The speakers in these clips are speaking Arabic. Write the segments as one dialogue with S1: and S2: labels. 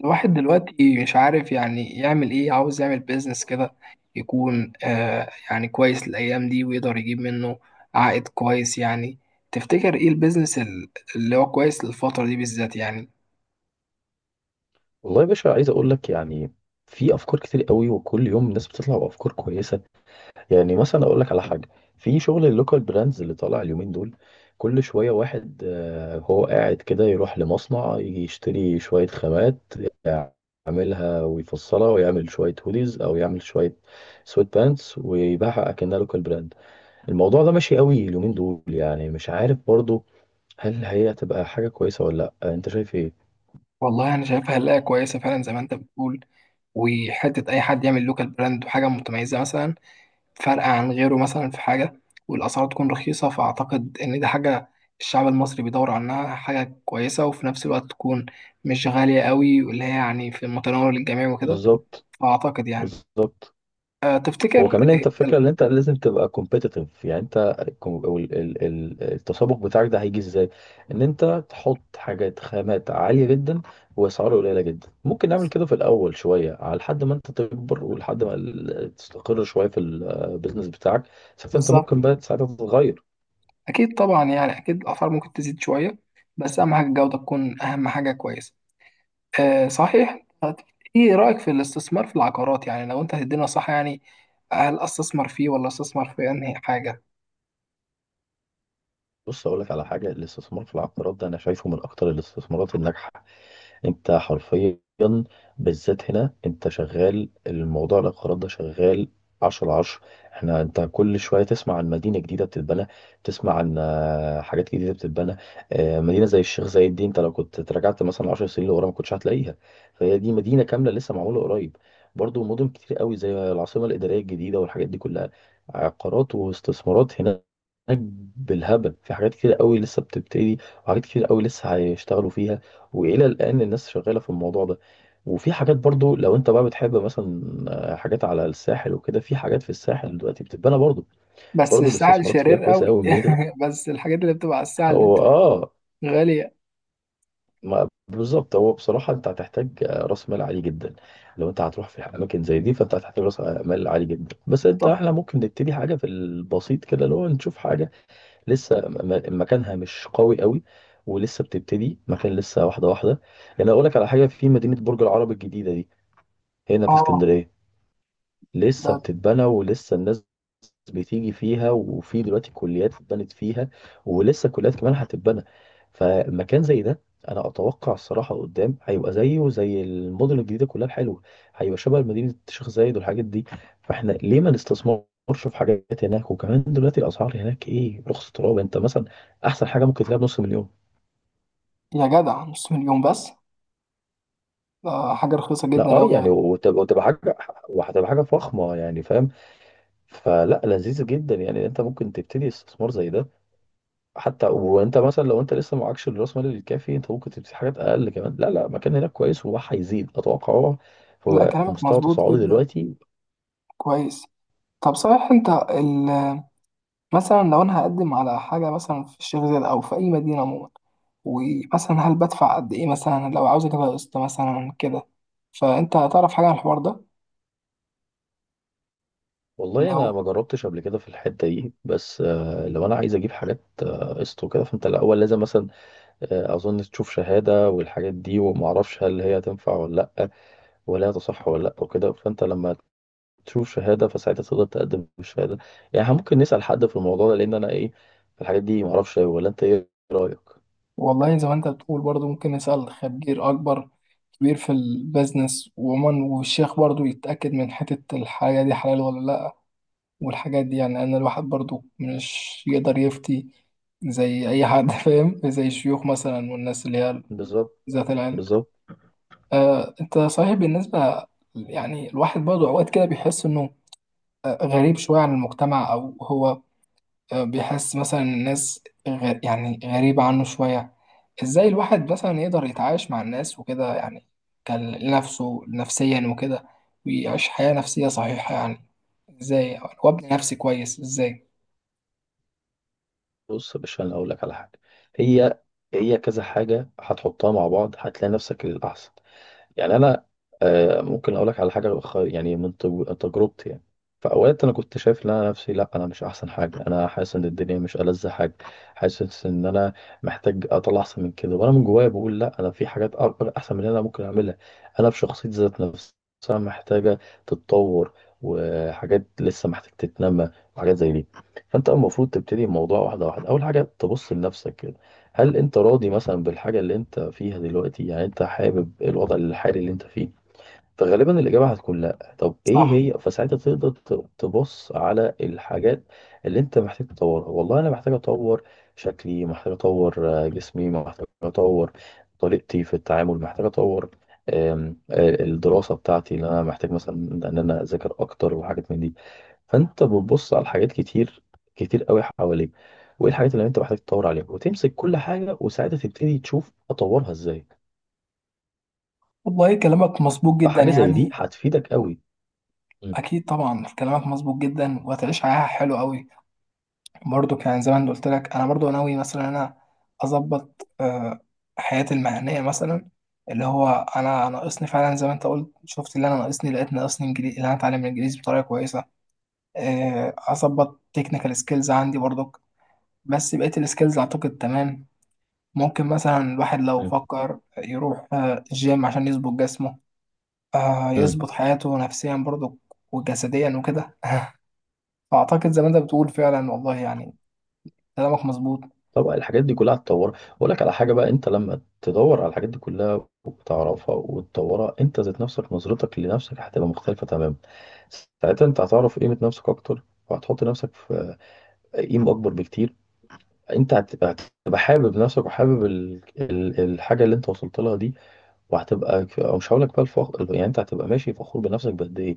S1: الواحد دلوقتي مش عارف يعني يعمل ايه. عاوز يعمل بيزنس كده يكون يعني كويس الايام دي، ويقدر يجيب منه عائد كويس يعني. تفتكر ايه البيزنس اللي هو كويس للفترة دي بالذات يعني؟
S2: والله يا باشا عايز اقول لك يعني في افكار كتير قوي، وكل يوم الناس بتطلع بافكار كويسه. يعني مثلا اقول لك على حاجه، في شغل اللوكال براندز اللي طالع اليومين دول. كل شويه واحد هو قاعد كده يروح لمصنع يجي يشتري شويه خامات، يعملها ويفصلها ويعمل شويه هوديز، او يعمل شويه سويت بانتس ويبيعها اكنها لوكال براند. الموضوع ده ماشي قوي اليومين دول. يعني مش عارف برضو هل هي هتبقى حاجه كويسه ولا لا. انت شايف ايه؟
S1: والله انا شايفها هلاقي كويسة فعلا زي ما انت بتقول، وحتة اي حد يعمل لوكال براند وحاجة متميزة مثلا، فرق عن غيره مثلا في حاجة، والأسعار تكون رخيصة. فأعتقد إن دي حاجة الشعب المصري بيدور عنها، حاجة كويسة وفي نفس الوقت تكون مش غالية قوي، واللي هي يعني في المتناول للجميع وكده.
S2: بالظبط.
S1: فأعتقد يعني.
S2: بالظبط.
S1: أه،
S2: هو
S1: تفتكر
S2: كمان انت
S1: إيه
S2: الفكره ان انت لازم تبقى كومبيتيتيف. يعني انت الكم- او ال- ال- ال- التسابق بتاعك ده هيجي ازاي؟ ان انت تحط حاجات خامات عاليه جدا واسعار قليله جدا. ممكن نعمل كده في الاول شويه، على لحد ما انت تكبر ولحد ما تستقر شويه في البيزنس بتاعك. ساعتها انت
S1: بالظبط.
S2: ممكن بقى ساعتها تتغير.
S1: أكيد طبعا يعني، أكيد الأسعار ممكن تزيد شوية، بس أهم حاجة الجودة تكون أهم حاجة كويسة. أه صحيح. طب إيه رأيك في الاستثمار في العقارات يعني؟ لو أنت هتدينا صح يعني، هل أستثمر فيه ولا أستثمر في أنهي حاجة؟
S2: بص اقول لك على حاجه، الاستثمار في العقارات ده انا شايفه من اكتر الاستثمارات الناجحه. انت حرفيا بالذات هنا انت شغال، الموضوع العقارات ده شغال 10 على 10. احنا انت كل شويه تسمع عن مدينه جديده بتتبنى، تسمع عن حاجات جديده بتتبنى. مدينه زي الشيخ زايد دي انت لو كنت تراجعت مثلا 10 سنين لورا، ما كنتش هتلاقيها. فهي دي مدينه كامله لسه معموله قريب. برضو مدن كتير قوي زي العاصمه الاداريه الجديده والحاجات دي كلها، عقارات واستثمارات هناك بالهبل. في حاجات كتير قوي لسه بتبتدي، وحاجات كتير قوي لسه هيشتغلوا فيها. والى الان الناس شغاله في الموضوع ده. وفي حاجات برضو لو انت بقى بتحب مثلا حاجات على الساحل وكده، في حاجات في الساحل دلوقتي بتتبنى برضو.
S1: بس
S2: برضو
S1: السعل
S2: الاستثمارات فيها
S1: شرير
S2: كويسه
S1: قوي
S2: قوي.
S1: بس الحاجات اللي بتبقى على السعل دي
S2: هو
S1: بتبقى غالية.
S2: ما بالظبط. هو بصراحه انت هتحتاج راس مال عالي جدا. لو انت هتروح في اماكن زي دي فانت هتحتاج راس مال عالي جدا. بس انت
S1: طب،
S2: احنا ممكن نبتدي حاجه في البسيط كده، اللي هو نشوف حاجه لسه مكانها مش قوي قوي، ولسه بتبتدي، مكان لسه واحده واحده. يعني اقول لك على حاجه، في مدينه برج العرب الجديده دي هنا في
S1: اه.
S2: اسكندرية. لسه
S1: ده
S2: بتتبنى، ولسه الناس بتيجي فيها. وفي دلوقتي كليات اتبنت فيها، ولسه كليات كمان هتتبنى. فمكان زي ده انا اتوقع الصراحة قدام هيبقى زيه زي المدن الجديدة كلها الحلوة. هيبقى شبه مدينة الشيخ زايد والحاجات دي. فاحنا ليه ما نستثمرش في حاجات هناك؟ وكمان دلوقتي الاسعار هناك ايه، رخص تراب. انت مثلا احسن حاجة ممكن تلاقيها بنص مليون.
S1: يا جدع، نص مليون بس؟ ده حاجة رخيصة
S2: لا
S1: جدا
S2: اه،
S1: قوي
S2: يعني
S1: يعني.
S2: وتبقى حاجة، وهتبقى حاجة فخمة، يعني فاهم. فلا، لذيذ جدا. يعني انت ممكن تبتدي استثمار زي ده حتى وانت مثلا لو انت لسه معكش الراس مال الكافي، انت ممكن تبتدي حاجات اقل كمان. لا لا، مكان هناك كويس وراح هيزيد اتوقع هو،
S1: لا،
S2: هو في
S1: كلامك
S2: مستوى
S1: مظبوط
S2: تصاعدي
S1: جدا.
S2: دلوقتي.
S1: كويس. طب صحيح انت ال... مثلا لو انا هقدم على حاجة مثلا في الشيخ زايد او في اي مدينة عموما، ومثلا هل بدفع قد ايه مثلا لو عاوز اجيبها قسط مثلا كده؟ فانت هتعرف حاجة عن الحوار ده، اللي
S2: والله
S1: هو...
S2: انا ما جربتش قبل كده في الحته دي، بس لو انا عايز اجيب حاجات قسط وكده، فانت الاول لازم مثلا اظن تشوف شهاده والحاجات دي، وما اعرفش هل هي تنفع ولا لا، ولا هي تصح ولا لا وكده. فانت لما تشوف شهاده، فساعتها تقدر تقدم الشهاده. يعني إحنا ممكن نسال حد في الموضوع ده، لان انا ايه، في الحاجات دي ما اعرفش أوي، ولا انت ايه رايك؟
S1: والله زي ما انت بتقول، برضو ممكن نسأل خبير أكبر، كبير في البيزنس وعموما، والشيخ برضو يتأكد من حتة الحاجة دي حلال ولا لأ، والحاجات دي يعني. أنا الواحد برضو مش يقدر يفتي زي أي حد فاهم، زي الشيوخ مثلا والناس اللي هي
S2: بالظبط.
S1: ذات العلم.
S2: بالظبط.
S1: آه أنت صحيح. بالنسبة يعني الواحد برضو أوقات كده بيحس إنه غريب شوية عن المجتمع، أو هو بيحس مثلا الناس يعني غريبة عنه شوية. ازاي الواحد مثلا يقدر يتعايش مع الناس وكده يعني، كان لنفسه نفسيا وكده، ويعيش حياة نفسية صحيحة يعني؟ ازاي وابني نفسي كويس ازاي؟
S2: بص يا باشا انا اقول لك على حاجه، هي هي كذا حاجه هتحطها مع بعض هتلاقي نفسك الاحسن. يعني انا، ممكن اقول لك على حاجه، يعني من تجربتي يعني، في اوقات انا كنت شايف ان انا نفسي، لا انا مش احسن حاجه، انا حاسس ان الدنيا مش ألذ حاجه، حاسس ان انا محتاج اطلع احسن من كده. وانا من جوايا بقول لا، انا في حاجات اكبر احسن من اللي انا ممكن اعملها. انا في شخصيتي ذات نفسها محتاجه تتطور، وحاجات لسه محتاج تتنمى، وحاجات زي دي. فانت المفروض تبتدي الموضوع واحده واحده. اول حاجه تبص لنفسك، هل انت راضي مثلا بالحاجة اللي انت فيها دلوقتي؟ يعني انت حابب الوضع الحالي اللي انت فيه؟ فغالبا الإجابة هتكون لأ. طب إيه
S1: صح.
S2: هي؟ فساعتها تقدر تبص على الحاجات اللي أنت محتاج تطورها. والله أنا محتاج أطور شكلي، محتاج أطور جسمي، محتاج أطور طريقتي في التعامل، محتاج أطور آم، آه، الدراسة بتاعتي اللي أنا محتاج مثلا إن أنا أذاكر أكتر، وحاجات من دي. فأنت بتبص على حاجات كتير، كتير قوي حواليك، وإيه الحاجات اللي أنت محتاج تطور عليها، وتمسك كل حاجة وساعتها تبتدي تشوف أطورها إزاي.
S1: والله كلامك مظبوط جدا
S2: فحاجة زي دي
S1: يعني.
S2: هتفيدك قوي.
S1: اكيد طبعا كلامك مظبوط جدا، وهتعيش حياه حلوه قوي. برضو كان زمان ما أنا قلت لك انا برضو ناوي مثلا، انا اظبط حياتي المهنيه مثلا، اللي هو انا ناقصني فعلا زي ما انت قلت. شفت اللي انا ناقصني، لقيت ناقصني انجليزي، اللي انا اتعلم الانجليزي بطريقه كويسه. اظبط تكنيكال سكيلز عندي برضك، بس بقية السكيلز اعتقد تمام. ممكن مثلا الواحد لو فكر يروح الجيم عشان يظبط جسمه،
S2: مم.
S1: يظبط حياته نفسيا برضك وجسديا وكده. فاعتقد زي ما انت بتقول فعلا، والله يعني كلامك مظبوط.
S2: طبعا الحاجات دي كلها هتطورها. اقول لك على حاجه بقى، انت لما تدور على الحاجات دي كلها وتعرفها وتطورها، انت ذات نفسك نظرتك لنفسك هتبقى مختلفه تماما. ساعتها انت هتعرف قيمه نفسك اكتر، وهتحط نفسك في قيمه اكبر بكتير. انت هتبقى، هتبقى حابب نفسك، وحابب الحاجه اللي انت وصلت لها دي. وهتبقى ك- أو مش هقول لك بقى الفخر، يعني انت هتبقى ماشي فخور بنفسك بقد ايه.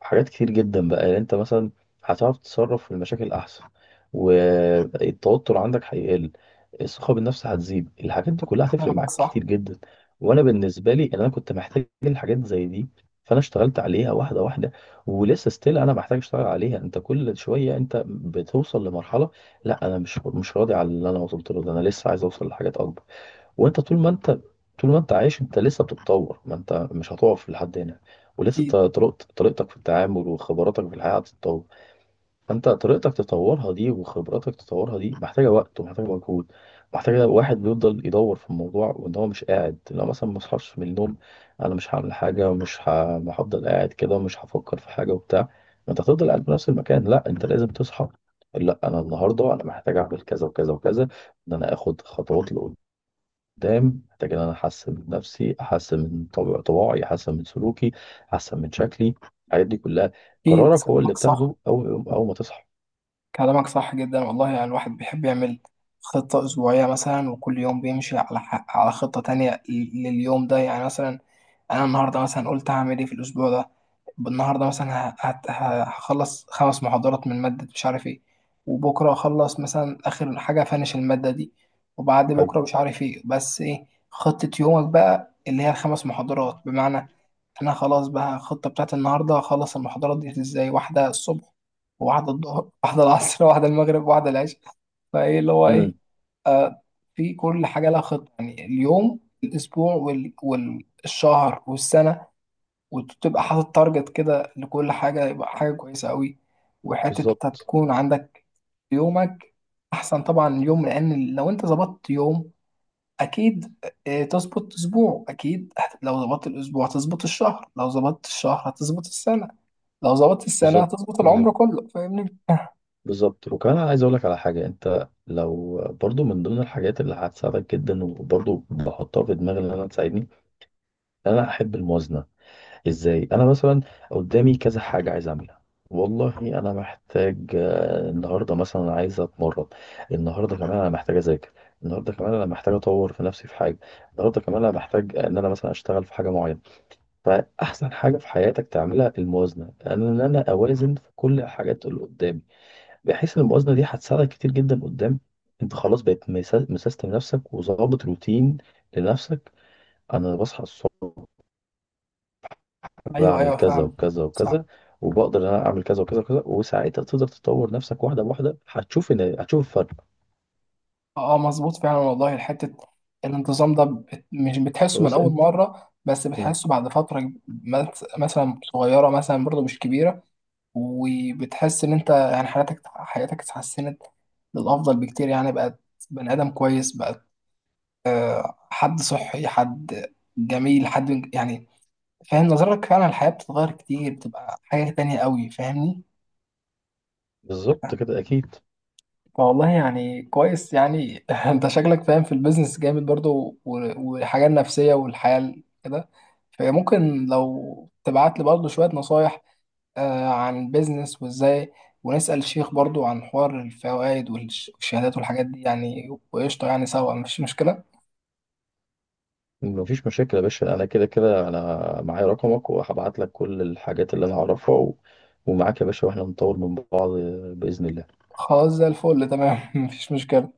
S2: حاجات كتير جدا بقى، يعني انت مثلا هتعرف تتصرف في المشاكل احسن، والتوتر عندك هيقل، الثقه بالنفس هتزيد. الحاجات دي كلها هتفرق
S1: كلامك
S2: معاك كتير
S1: صح.
S2: جدا. وانا بالنسبه لي، إن انا كنت محتاج الحاجات زي دي، فانا اشتغلت عليها واحده واحده. ولسه ستيل انا محتاج اشتغل عليها. انت كل شويه انت بتوصل لمرحله، لا انا مش راضي على اللي انا وصلت له ده، انا لسه عايز اوصل لحاجات اكبر. وانت طول ما انت طول ما انت عايش انت لسه بتتطور، ما انت مش هتقف لحد هنا. ولسه
S1: اكيد.
S2: طريقتك في التعامل وخبراتك في الحياة هتتطور. فانت طريقتك تطورها دي، وخبراتك تطورها دي، محتاجة وقت ومحتاجة مجهود، محتاجة واحد بيفضل يدور في الموضوع، وان هو مش قاعد لو مثلا ما اصحاش من النوم. انا مش هعمل حاجة، ومش ه- ما هفضل قاعد كده، ومش هفكر في حاجة وبتاع. ما انت هتفضل قاعد في نفس المكان. لا انت لازم تصحى. لا انا النهارده انا محتاج اعمل كذا وكذا وكذا. ان انا اخد خطوات قدام، محتاج ان انا احسن من نفسي، احسن من طباعي، احسن من سلوكي، احسن من شكلي، الحاجات دي كلها.
S1: اكيد
S2: قرارك هو اللي
S1: كلامك صح.
S2: بتاخده اول ما تصحى.
S1: كلامك صح جدا والله يعني. الواحد بيحب يعمل خطة أسبوعية مثلا، وكل يوم بيمشي على على خطة تانية لليوم ده يعني. مثلا انا النهارده مثلا قلت هعمل ايه في الاسبوع ده. النهارده مثلا هخلص خمس محاضرات من ماده مش عارف ايه، وبكره اخلص مثلا اخر حاجه فانش الماده دي، وبعد
S2: حلو.
S1: بكره مش عارف ايه. بس ايه خطه يومك بقى اللي هي الخمس محاضرات؟ بمعنى انا خلاص بقى الخطه بتاعت النهارده هخلص المحاضرات دي ازاي: واحده الصبح، وواحده الظهر، واحده العصر، واحده المغرب، واحده العشاء. فايه اللي هو ايه؟
S2: امم.
S1: آه، في كل حاجة لها خطة يعني، اليوم، الأسبوع والشهر والسنة، وتبقى حاطط تارجت كده لكل حاجة، يبقى حاجة كويسة قوي. وحتة انت
S2: بالظبط.
S1: تكون عندك يومك. أحسن طبعا اليوم، لأن لو أنت ظبطت يوم أكيد تظبط أسبوع أكيد. لو ظبطت الأسبوع هتظبط الشهر، لو ظبطت الشهر هتظبط السنة، لو ظبطت السنة
S2: بالظبط.
S1: هتظبط العمر
S2: بالظبط.
S1: كله. فاهمني؟
S2: بالظبط. وكمان انا عايز اقول لك على حاجه، انت لو برضو من ضمن الحاجات اللي هتساعدك جدا، وبرضو بحطها في دماغي ان انا تساعدني، إن انا احب الموازنه. ازاي؟ انا مثلا قدامي كذا حاجه عايز اعملها. والله انا محتاج النهارده مثلا عايز اتمرن. النهارده كمان انا محتاج اذاكر. النهارده كمان انا محتاج اطور في نفسي في حاجه. النهارده كمان انا محتاج ان انا مثلا اشتغل في حاجه معينه. فاحسن حاجه في حياتك تعملها الموازنه، ان انا اوازن في كل الحاجات اللي قدامي، بحيث ان الموازنه دي هتساعدك كتير جدا قدام. انت خلاص بقيت مسيستم نفسك وظابط روتين لنفسك. انا بصحى الصبح،
S1: أيوه،
S2: بعمل
S1: أيوه،
S2: كذا
S1: فاهم.
S2: وكذا
S1: صح.
S2: وكذا، وبقدر ان انا اعمل كذا وكذا وكذا. وساعتها تقدر تطور نفسك واحده بواحده، هتشوف الفرق.
S1: اه مظبوط فعلا والله. حتة الانتظام ده مش بتحسه من
S2: بس
S1: أول
S2: انت.
S1: مرة، بس
S2: مم.
S1: بتحسه بعد فترة مثلا صغيرة، مثلا برضه مش كبيرة. وبتحس إن أنت يعني حياتك، حياتك اتحسنت للأفضل بكتير يعني. بقت بني آدم كويس، بقت حد صحي، حد جميل، حد يعني فاهم نظرتك. فعلا الحياة بتتغير كتير، بتبقى حاجة تانية قوي. فاهمني؟
S2: بالظبط كده اكيد.
S1: والله يعني كويس يعني. انت شكلك فاهم في البيزنس جامد برضو والحاجة النفسية والحياة كده. فممكن لو تبعت لي برضو شوية نصايح عن البيزنس وازاي، ونسأل الشيخ برضو عن حوار الفوائد والشهادات والحاجات دي يعني. وقشطة يعني، سوا مفيش مشكلة.
S2: مفيش مشاكل يا باشا. انا كده كده انا معايا رقمك، وهبعت لك كل الحاجات اللي انا اعرفها و. ومعاك يا باشا، واحنا نطور من بعض باذن الله.
S1: خلاص، زي الفل، تمام. مفيش مشكلة.